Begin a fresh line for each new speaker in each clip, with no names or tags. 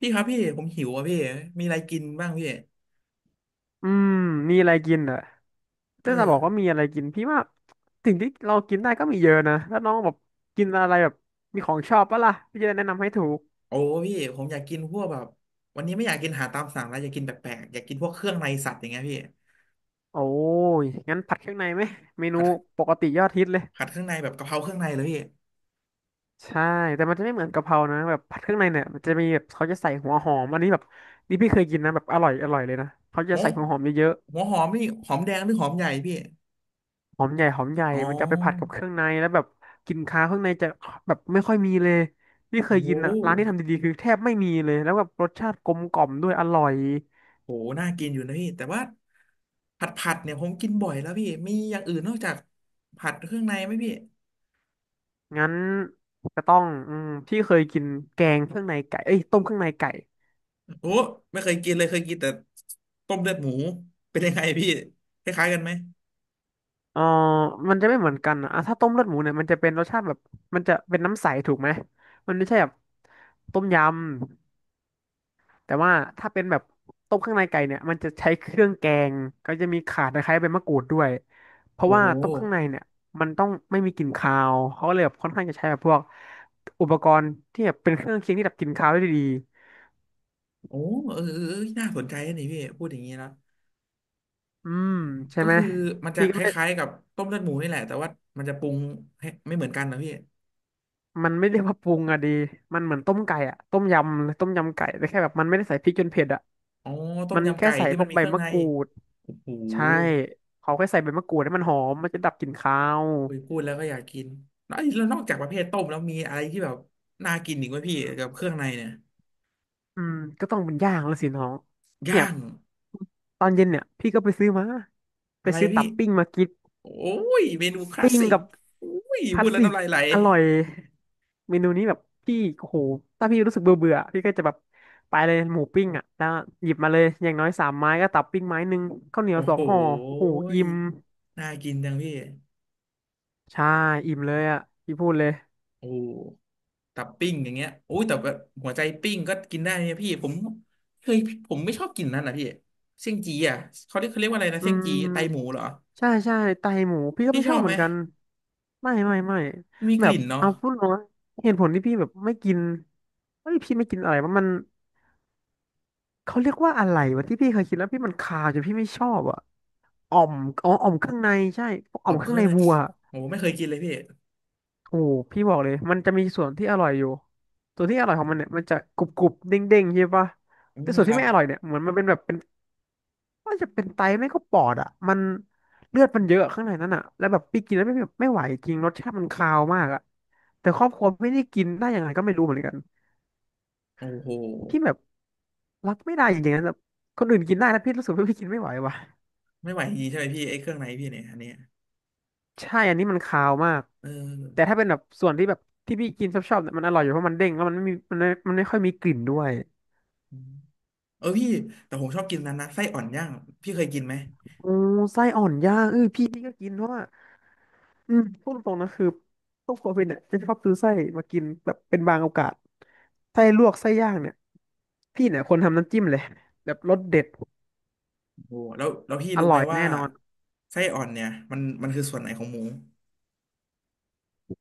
พี่ครับพี่ผมหิวอ่ะพี่มีอะไรกินบ้างพี่
อืมมีอะไรกินเหรอ
เอ
ถ้าจะบอกว่า
อ
มีอะไรกินพี่ว่าสิ่งที่เรากินได้ก็มีเยอะนะแล้วน้องแบบกินอะไรแบบมีของชอบปะล่ะพี่จะได้แนะนำให้ถูก
โอ้พี่ผมอยากกินพวกแบบวันนี้ไม่อยากกินอาหารตามสั่งแล้วอยากกินแปลกๆอยากกินพวกเครื่องในสัตว์อย่างเงี้ยพี่
โอ้ยงั้นผัดเครื่องในไหมเมนู
ผัด
ปกติยอดฮิตเลย
ผัดเครื่องในแบบกะเพราเครื่องในเลยพี่
ใช่แต่มันจะไม่เหมือนกะเพรานะแบบผัดเครื่องในเนี่ยมันจะมีแบบเขาจะใส่หัวหอมอันนี้แบบนี่พี่เคยกินนะแบบอร่อยอร่อยเลยนะเขาจะ
หัว
ใส่หัวหอมเยอะ
หัวหอมนี่หอมแดงหรือหอมใหญ่พี่
หอมใหญ่หอมใหญ่
อ๋อ
มันจะเอาไปผัดกับเครื่องในแล้วแบบกลิ่นคาวเครื่องในจะแบบไม่ค่อยมีเลยนี่เค
โอ้
ย
โ
กินอ่ะร้านที่
ห
ทำดีๆคือแทบไม่มีเลยแล้วแบบรสชาติกลมกล่อมด้วยอร่อย
โหน่ากินอยู่นะพี่แต่ว่าผัดเนี่ยผมกินบ่อยแล้วพี่มีอย่างอื่นนอกจากผัดเครื่องในไหมพี่
งั้นก็ต้องอืมที่เคยกินแกงเครื่องในไก่เอ้ยต้มเครื่องในไก่
โอ้ไม่เคยกินเลยเคยกินแต่ต้มเลือดหมูเป็นยังไงพี่คล้ายๆกันไหม
เออมันจะไม่เหมือนกันอะอ่ะถ้าต้มเลือดหมูเนี่ยมันจะเป็นรสชาติแบบมันจะเป็นน้ำใสถูกไหมมันไม่ใช่แบบต้มยำ แต่ว่าถ้าเป็นแบบต้มข้างในไก่เนี่ยมันจะใช้เครื่องแกงก็จะมีข่าตะไคร้ใบมะกรูดด้วยเพราะ
โอ้
ว่าต้มข้างในเนี่ยมันต้องไม่มีกลิ่นคาวเขาก็เลยแบบค่อนข้างจะใช้แบบพวกอุปกรณ์ที่แบบเป็นเครื่องเคียงที่ดับกลิ่นคาวได้ดี
โอ้เออเออเออน่าสนใจนะนี่พี่พูดอย่างนี้แล้ว
อืมใช่
ก็
ไหม
คือมันจะ
พี่
ค
ก็ไม่
ล้ายๆกับต้มเลือดหมูนี่แหละแต่ว่ามันจะปรุงให้ไม่เหมือนกันนะพี่
มันไม่เรียกว่าปรุงอะดีมันเหมือนต้มไก่อะต้มยำต้มยำไก่แต่แค่แบบมันไม่ได้ใส่พริกจนเผ็ดอะ
อ๋อต้ม
มัน
ยำ
แค่
ไก่
ใส่
ที่
พ
มั
ว
น
ก
มี
ใบ
เครื่อง
มะ
ใน
กรูด
โอ้โห
ใช่เขาแค่ใส่ใบมะกรูดให้มันหอมมันจะดับกลิ่นคาว
โอ้ยพูดแล้วก็อยากกินแล้วนอกจากประเภทต้มแล้วมีอะไรที่แบบน่ากินอีกไหมพี่กับเครื่องในเนี่ย
อืมก็ต้องเป็นย่างแล้วสิน้องเนี่ย
ย่าง
ตอนเย็นเนี่ยพี่ก็ไปซื้อมาไป
อะไร
ซื้อตั
พี่
บปิ้งมากิน
โอ้ยเมนูคลาส
ปิ้ง
สิก
กับ
โอ้ย
คั
พู
ต
ดแล้ว
สึ
น้ำลายไหล
อร่อยเมนูนี้แบบพี่โอ้โหถ้าพี่รู้สึกเบื่อเบื่อพี่ก็จะแบบไปเลยหมูปิ้งอ่ะแล้วหยิบมาเลยอย่างน้อย3 ไม้ก็ตับปิ้งไม้ 1ข้าวเหนียว
โอ้
สอ
โห
งห่อโอ้โห
ย
อิ่ม
น่ากินจังพี่
ใช่อิ่มเลยอ่ะพี่พูดเลย
โอ้ ตับปิ้งอย่างเงี้ยโอ้ยแต่แบบหัวใจปิ้งก็กินได้นะพี่ผมเคยผมไม่ชอบกินนั่นนะพี่เสี่ยงจีอ่ะเขาเรียกว่าอะไรนะ
อื
เสี่ยง
ม
จีไตหมูเหรอ
ใช่ใช่ไตหมูพี่ก็
พี่
ไม่
ช
ช
อ
อบ
บ
เห
ไห
มื
ม
อนกันไม่ไม่ไม่
มันมี
แบ
ก
บ
ลิ่นเนาะ
เอาพูดตรงนะเหตุผลที่พี่แบบไม่กินเฮ้ยพี่ไม่กินอะไรว่ามันเขาเรียกว่าอะไรวะที่พี่เคยกินแล้วพี่มันคาวจนพี่ไม่ชอบอ่ะอ่อมอ๋ออ่อมเครื่องในใช่พวกอ่
อ
อ
อ
ม
ก
เค
เค
รื่อง
รื่อง
ใน
เลย
วัว
โอ้ไม่เคยกินเลยพี่
โอ้โหพี่บอกเลยมันจะมีส่วนที่อร่อยอยู่ส่วนที่อร่อยของมันเนี่ยมันจะกรุบกรุบเด้งเด้งใช่ปะ
อื
แต่
ม
ส่วน
ค
ที่
รับ
ไม่อร่อยเนี่ยเหมือนมันเป็นแบบเป็น ว่าจะเป็นไตไม่ก็ปอดอ่ะมันเลือดมันเยอะข้างในนั้นอ่ะแล้วแบบพี่กินแล้วไม่ไหวจริงรสชาติมันคาวมากอ่ะแต่ครอบครัวไม่ได้กินได้ยังไงก็ไม่รู้เหมือนกัน
โอ้โห
พี่แบบรับไม่ได้จริงๆนะแบบคนอื่นกินได้แล้วพี่รู้สึกว่าพี่กินไม่ไหวว่ะ
ไม่ไหวจริงๆใช่ไหมพี่ไอ้เครื่องในพี่เนี่ยอันเนี้ย
ใช่อันนี้มันคาวมาก
เออ
แต่ถ้าเป็นแบบส่วนที่แบบที่พี่กินชอบชอบเนี่ยมันอร่อยอยู่เพราะมันเด้งแล้วมันไม่ค่อยมีกลิ่นด้วย
อืมเออพี่แต่ผมชอบกินนั้นนะไส้อ่อนย่างพี่เคยกินไหม
โอ้ไส้อ่อนย่างเออพี่พี่ก็กินเพราะว่า อืมพูดตรงๆนะคือพวกครัวเป็นเนี่ยจะชอบซื้อไส้มากินแบบเป็นบางโอกาสไส้ลวกไส้ย่างเนี่ยพี่เนี่ยคนทำน้ำจิ้มเลยแบบรสเด็ด
โอ้โหแล้วแล้วพี่
อ
รู้ไห
ร่
ม
อย
ว่า
แน่นอน
ไส้อ่อนเนี่ยมันคือส่วนไหนของหมู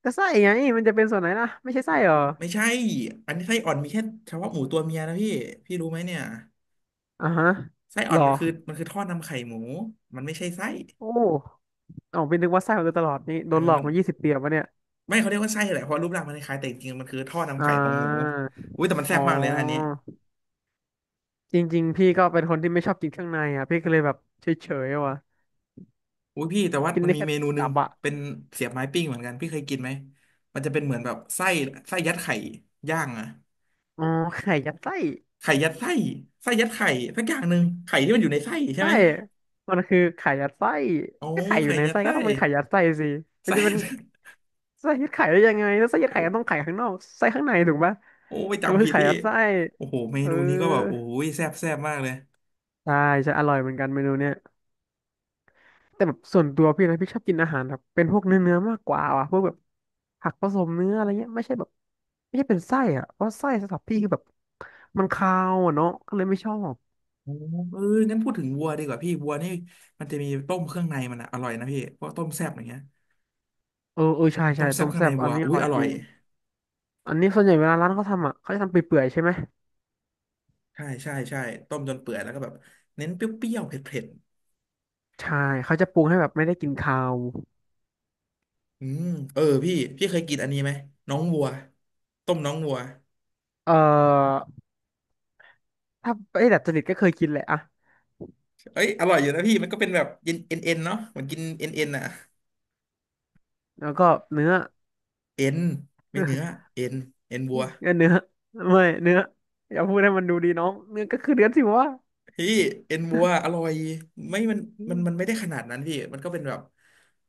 แต่ไส้ไงมันจะเป็นส่วนไหนล่ะไม่ใช่ไส้เหรอ
ไม่ใช่อันนี้ไส้อ่อนมีแค่เฉพาะหมูตัวเมียนะพี่ พี่รู้ไหมเนี่ย
อ่าฮะ
ไส้อ่
ห
อ
ร
น
อ
มันคือท่อนำไข่หมูมันไม่ใช่ไส้
โอ้อ๋อเป็นนึกว่าไส้มาโดยตลอดนี่
เอ
โด
อ
นหลอก
มัน
มา20 ปีแล้ววะเนี่ย
ไม่เขาเรียกว่าไส้แหละเพราะรูปร่างมันคล้ายๆแต่จริงๆมันคือท่อนำ
อ่
ไข่ของหมู
า
อุ้ยแต่มันแซ่
อ๋อ
บมากเลยนะอันนี้
จริงๆพี่ก็เป็นคนที่ไม่ชอบกินเครื่องในอ่ะพี่ก็เลยแบบเฉยๆอะว่ะ
อุ้ยพี่แต่ว่า
กิน
มัน
ได้
มี
แค่
เมนูหนึ่
ตั
ง
บอะ
เป็นเสียบไม้ปิ้งเหมือนกันพี่เคยกินไหมมันจะเป็นเหมือนแบบไส้ไส้ยัดไข่ย่างอะ
อ๋อไข่ยัดไส้
ไข่ยัดไส้ไส้ยัดไข่สักอย่างหนึ่งไข่ที่มันอยู่ในไส้ใช่
ใช่
ไหม
มันคือไข่ยัดไส้
โอ้
ก็ไข่อยู่
ไข่
ใน
ยัด
ไส้ก็
ไส้
ต้องเป็นไข่ยัดไส้สิ มัน
ไส้
จะเป็นไส้ยัดไข่ได้ยังไงแล้วไส้ยั
โอ
ดไข่ก็ต้องไข่
้
ข้างนอกไส้ข้างในถูกปะ
โอ้ไป
แต่มัน
จำผิ
คือ
ด
ไข่
ที่
ยัดไส้
โอ้โหเม
เออ
นูนี้ก็แบบโอ้ยแซ่บแซ่บมากเลย
ใช่จะอร่อยเหมือนกันเมนูเนี้ยแต่แบบส่วนตัวพี่นะพี่ชอบกินอาหารแบบเป็นพวกเนื้อเนื้อมากกว่าว่ะพวกแบบผักผสมเนื้ออะไรเงี้ยไม่ใช่แบบไม่ใช่เป็นไส้อะเพราะไส้สำหรับพี่คือแบบมันคาวอะเนาะก็เลยไม่ชอบ
โอ้เอองั้นพูดถึงวัวดีกว่าพี่วัวนี่มันจะมีต้มเครื่องในมันอะอร่อยนะพี่พวกต้มแซ่บอย่างเงี้ย
เออเออใช่
ต้
ใช่
มแซ่
ต้
บ
ม
เครื่อง
แซ่
ใน
บอั
วั
น
ว
นี้อ
อุ้ย
ร่อ
อ
ยจ
ร่อย
ริงอันนี้ส่วนใหญ่เวลาร้านเขาทำอ่ะเขาจะทำเปื่อยๆใช่ไหม
ใช่ใช่ใช่ต้มจนเปื่อยแล้วก็แบบเน้นเปรี้ยวๆเผ็ด
ใช่เขาจะปรุงให้แบบไม่ได้กินคาว
ๆอืมเออพี่เคยกินอันนี้ไหมน้องวัวต้มน้องวัว
เอ่อถ้าไอ้ดัดจริตก็เคยกินแหละอะ
เอ้ยอร่อยอยู่นะพี่มันก็เป็นแบบเย็นเอ็นเนาะเหมือนกินเอ็นอะ
แล้วก็เนื้อ
เอ็นไม่เนื้อเอ็นเอ็นวัว
เนื้อไม่เนื้ออย่าพูดให้มันดูดีน้องเนื้อก็คือเนื้อสิวะ
พี่เอ็นวัวอร่อยไม่มัน
อื
มัน
ม
มันไม่ได้ขนาดนั้นพี่มันก็เป็นแบบ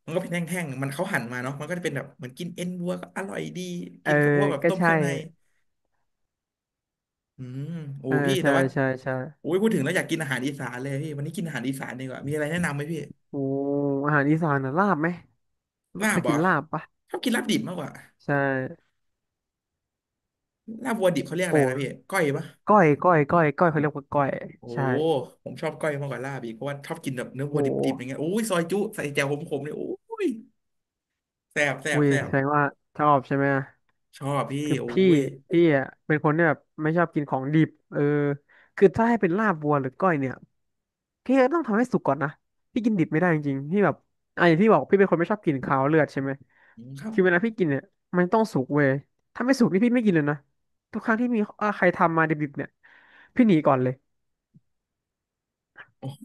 มันก็เป็นแห้งๆมันเขาหั่นมาเนาะมันก็จะเป็นแบบเหมือนกินเอ็นวัวก็อร่อยดี
เอ
กิ
อ
นกับพวกแบบ
ก็
ต้มเค
ใช่
รื่องในอืมโอ้
เออ
พี่แต่
ใช่
ว่า
ใช่ใช่
โอ้ยพูดถึงแล้วอยากกินอาหารอีสานเลยพี่วันนี้กินอาหารอีสานดีกว่ามีอะไรแนะนำไหมพี่
โอ้อาหารอีสานนะลาบไหม
ลา
เค
บ
ย
เหร
กิ
อ
นลาบปะ
ชอบกินลาบดิบมากกว่า
ใช่
ลาบวัวดิบเขาเรียกอะ
โอ้
ไรนะพี่ก้อยปะ
ก้อยเขาเรียกว่าก้อย
โอ้
ใช่
ผมชอบก้อยมากกว่าลาบอีกเพราะว่าชอบกินแบบเนื้อวัว
โอ้
ดิบๆอย่างเงี้ยโอ้ยซอยจุใส่แจ่วขมๆเลยโอ้ยแซ่บแซ่
อุ้
บ
ย
แซ่
แส
บ
ดงว่าชอบใช่ไหม
ชอบพี่
คือ
โอ้
พี่
ย
พี่อ่ะเป็นคนที่แบบไม่ชอบกินของดิบเออคือถ้าให้เป็นลาบวัวหรือก้อยเนี่ยพี่ก็ต้องทำให้สุกก่อนนะพี่กินดิบไม่ได้จริงๆพี่แบบอ่ะอย่างที่บอกพี่เป็นคนไม่ชอบกินคาวเลือดใช่ไหม
อืมครับ
คือเวลาพี่กินเนี่ยมันต้องสุกเว้ยถ้าไม่สุกนี่พี่ไม่กินเลยนะทุกครั้งที่มีอ่ะใครทำมาดิบๆเนี่ยพี่หนีก่อนเลย
โอ้โห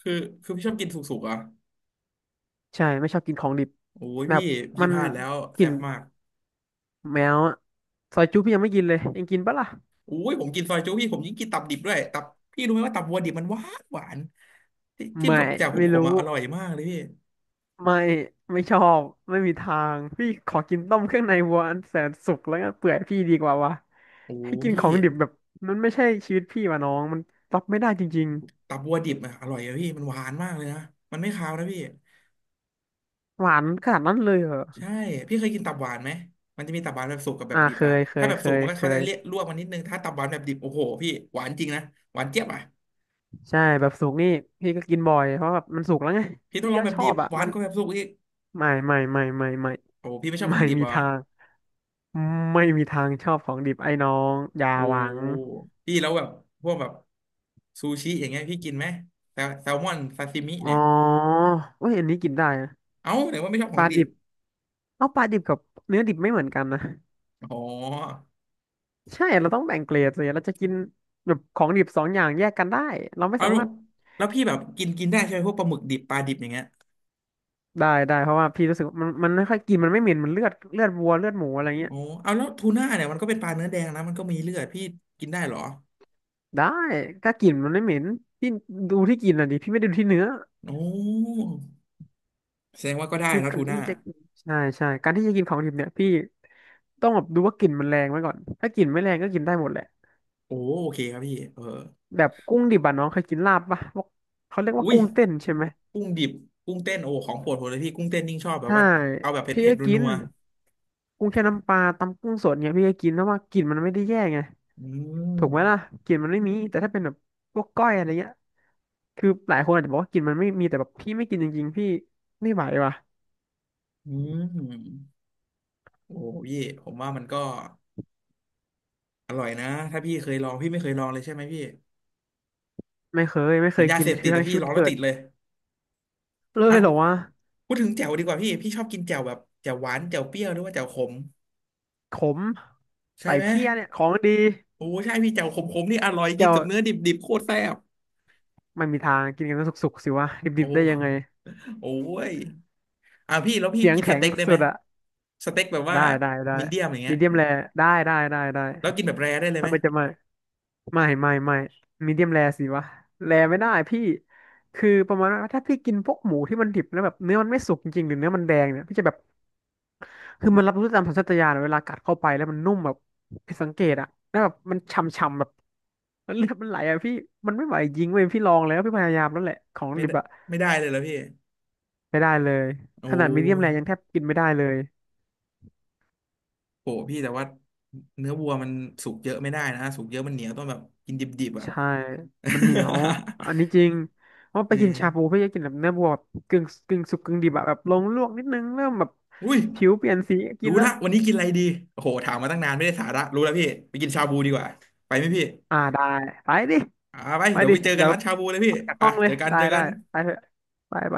คือคือพี่ชอบกินสุกๆอ่ะ
ใช่ไม่ชอบกินของดิบ
โอ้ย
แบ
พี่
บ
พี่
มัน
พลาดแล้ว
ก
แซ่
ลิ่น
บมาก
แมวอะซอยจุ๊พี่ยังไม่กินเลยยังกินปะล่ะ
โอ้ยผมกินซอยจุพี่ผมยิ่งกินตับดิบด้วยตับพี่รู้ไหมว่าตับวัวดิบมันหวานหวานจิ้ม
ไม่
กับแจ่ว
ไม่
ขมๆ
รู้
อ่ะอร่อยมากเลยพี่
ไม่ไม่ชอบไม่มีทางพี่ขอกินต้มเครื่องในวัวอันแสนสุกแล้วก็เปื่อยพี่ดีกว่าวะ
โอ้
ให้กินข
พี่
องดิบแบบมันไม่ใช่ชีวิตพี่ว่ะน้องมันรับไม่ได้จริง
ตับวัวดิบอ่ะอร่อยอะพี่มันหวานมากเลยนะมันไม่คาวนะพี่
ๆหวานขนาดนั้นเลยเหรอ
ใช่พี่เคยกินตับหวานไหมมันจะมีตับหวานแบบสุกกับแบ
อ่า
บดิบ
เค
อ่ะ
ยเค
ถ้า
ย
แบบ
เค
สุก
ย
มันก็
เค
เขาจะเรียก
ย
ลวกมันนิดนึงถ้าตับหวานแบบดิบโอ้โหพี่หวานจริงนะหวานเจี๊ยบอ่ะ
ใช่แบบสุกนี่พี่ก็กินบ่อยเพราะแบบมันสุกแล้วไง
พี่ต้อ
พี่
งลอง
ก็
แบ
ช
บ
อ
ดิบ
บอ่ะ
หวา
มั
น
น
กว่าแบบสุกอีก
ไม่
โอ้พี่ไม่ชอบข
ไม่
องดิบ
มี
เหรอ
ทางไม่มีทางชอบของดิบไอ้น้องอย่า
โอ้
หวัง
พี่แล้วแบบพวกแบบซูชิอย่างเงี้ยพี่กินไหมแซลมอนซาซิมิ
อ๋อ
เนี่ย
เอ้ยอันนี้กินได้นะ
เอ้าไหนว่าไม่ชอบข
ป
อง
ลา
ดิ
ดิ
บ
บ เอาปลาดิบกับเนื้อดิบไม่เหมือนกันนะ
อ๋อ
ใช่เราต้องแบ่งเกรดเลยเราจะกินแบบของดิบสองอย่างแยกกันได้เราไม่
เอา
สา
แล้ว
มารถ
แล้วพี่แบบกินกินได้ใช่ไหมพวกปลาหมึกดิบปลาดิบอย่างเงี้ย
ได้ได้เพราะว่าพี่รู้สึกว่ามันไม่ค่อยกินมันไม่เหม็นมันเลือดเลือดวัวเลือดหมูอะไรเงี้
โอ้
ย
เอาแล้วทูน่าเนี่ยมันก็เป็นปลาเนื้อแดงนะมันก็มีเลือดพี่กินได้เหรอ
ได้ถ้ากลิ่นมันไม่เหม็นพี่ดูที่กลินอ่ะดิพี่ไม่ได้ดูที่เนื้อ
โอ้แสดงว่าก็ได้
คือ
นะ
กา
ทู
ร
น่า
ที่จะใช่ใช่การที่จะกินของดิบเนี่ยพี่ต้องแบบดูว่ากลิ่นมันแรงไว้ก่อนถ้ากลิ่นไม่แรงก็กินได้หมดแหละ
โอ้โอเคครับพี่เออ
แบบกุ้งดิบอะน้องเคยกินลาบปะพวกเขาเรียก
อุ้
ว่า
ย
กุ้งเต้นใช่ไหม
กุ้งดิบกุ้งเต้นโอ้ของโปรดผมเลยพี่กุ้งเต้นยิ่งชอบแบบ
ใช่
ว่าเอาแบบ
พี่
เผ็ด
ก็
ๆ
กิ
นั
น
ว
กุ้งแช่น้ำปลาตำกุ้งสดเนี่ยพี่ก็กินเพราะว่ากลิ่นมันไม่ได้แย่ไง
ๆอืม
ถูกไหมล่ะกลิ่นมันไม่มีแต่ถ้าเป็นแบบพวกก้อยอะไรเงี้ยคือหลายคนอาจจะบอกว่ากลิ่นมันไม่มีแต่แบบพี่ไม่กินจริงๆพี่ไม่ไหวว่ะ
อืม โอ้โหพี่ผมว่ามันก็อร่อยนะถ้าพี่เคยลองพี่ไม่เคยลองเลยใช่ไหมพี่
ไม่เคยไม่
เห
เค
มือน
ย
ยา
กิน
เสพ
คื
ติด
อ
แต่
ทั้ง
พี่
ชีวิ
ล
ต
องแล้ว
เกิ
ติ
ด
ดเลย
เล
อ่ะ
ยเหรอวะ
พูดถึงแจ่วดีกว่าพี่ชอบกินแจ่วแบบแจ่วหวานแจ่วเปรี้ยวหรือว่าแจ่วขม
ขม
ใช่
ใส่
ไหม
เพี้ยเนี่ยของดี
โอ้ใช่พี่แจ่วขมๆนี่อร่อยกิน
เจ้า
กับเนื้อดิบๆโคตรแซ่บ
ไม่มีทางกินกันสุกๆสิวะ
โอ
ดิบๆได้ยังไง
้โอ้ยอ่ะพี่แล้วพี่
เสียง
กินส
แข็ง
เต็กได้ไห
สุ
ม
ดอะ
สเต็กแบบว่า
ได้ได้ได้
มีเดียมอย่างเงี้
มี
ย
เดียมแรได้ได้ได้ได้
แล้วกินแบบแรร์ได้เลยไห
ทำ
ม
ไมจะไม่ ไม่มีเดียมแรสิวะแรไม่ได้พี่คือประมาณว่าถ้าพี่กินพวกหมูที่มันดิบแล้วแบบเนื้อมันไม่สุกจริงๆหรือเนื้อมันแดงเนี่ยพี่จะแบบคือมันรับรู้ตามสัญชาตญาณเวลากัดเข้าไปแล้วมันนุ่มแบบผิดสังเกตอะแล้วแบบมันฉ่ำๆแบบเลือดมันไหลอะพี่มันไม่ไหวจริงเว้ยพี่ลองแล้วพี่พยายามแล้วแหละของ
ไม่
ดิ
ได้
บอะ
ไม่ได้เลยเหรอพี่
ไม่ได้เลย
โอ้
ขนาดมีเดียม
ย
แรยังแทบกินไม่ได้เลย
โหพี่แต่ว่าเนื้อวัวมันสุกเยอะไม่ได้นะสุกเยอะมันเหนียวต้องแบบกินดิบๆอ่ะ
ใช่ มันเหนียว อัน นี้จริงเพราะ
เอ
ไป
อ
กินชาบูพี่จะกินแบบเนื้อวัวแบบกึ่งสุกกึ่งดิบอะแบบลงลวกนิดนึงเริ่มแบบ
อุ้ย
ผิวเปลี่ยนสีกิ
รู้
นละ
ละวันนี้กินอะไรดีโอ้โหถามมาตั้งนานไม่ได้สาระรู้แล้วพี่ไปกินชาบูดีกว่าไปไหมพี่
อ่าได้ไปดิ
อ่าไป
ไป
เดี๋ยว
ดิ
ไปเจอกั
เดี๋
น
ยว
ร้านชาบูเลย
อ
พี่
อกจาก
ไป
ห้องเล
เจ
ย
อกัน
ได้
เจอกั
ได้
น
ไปเถอะไปไป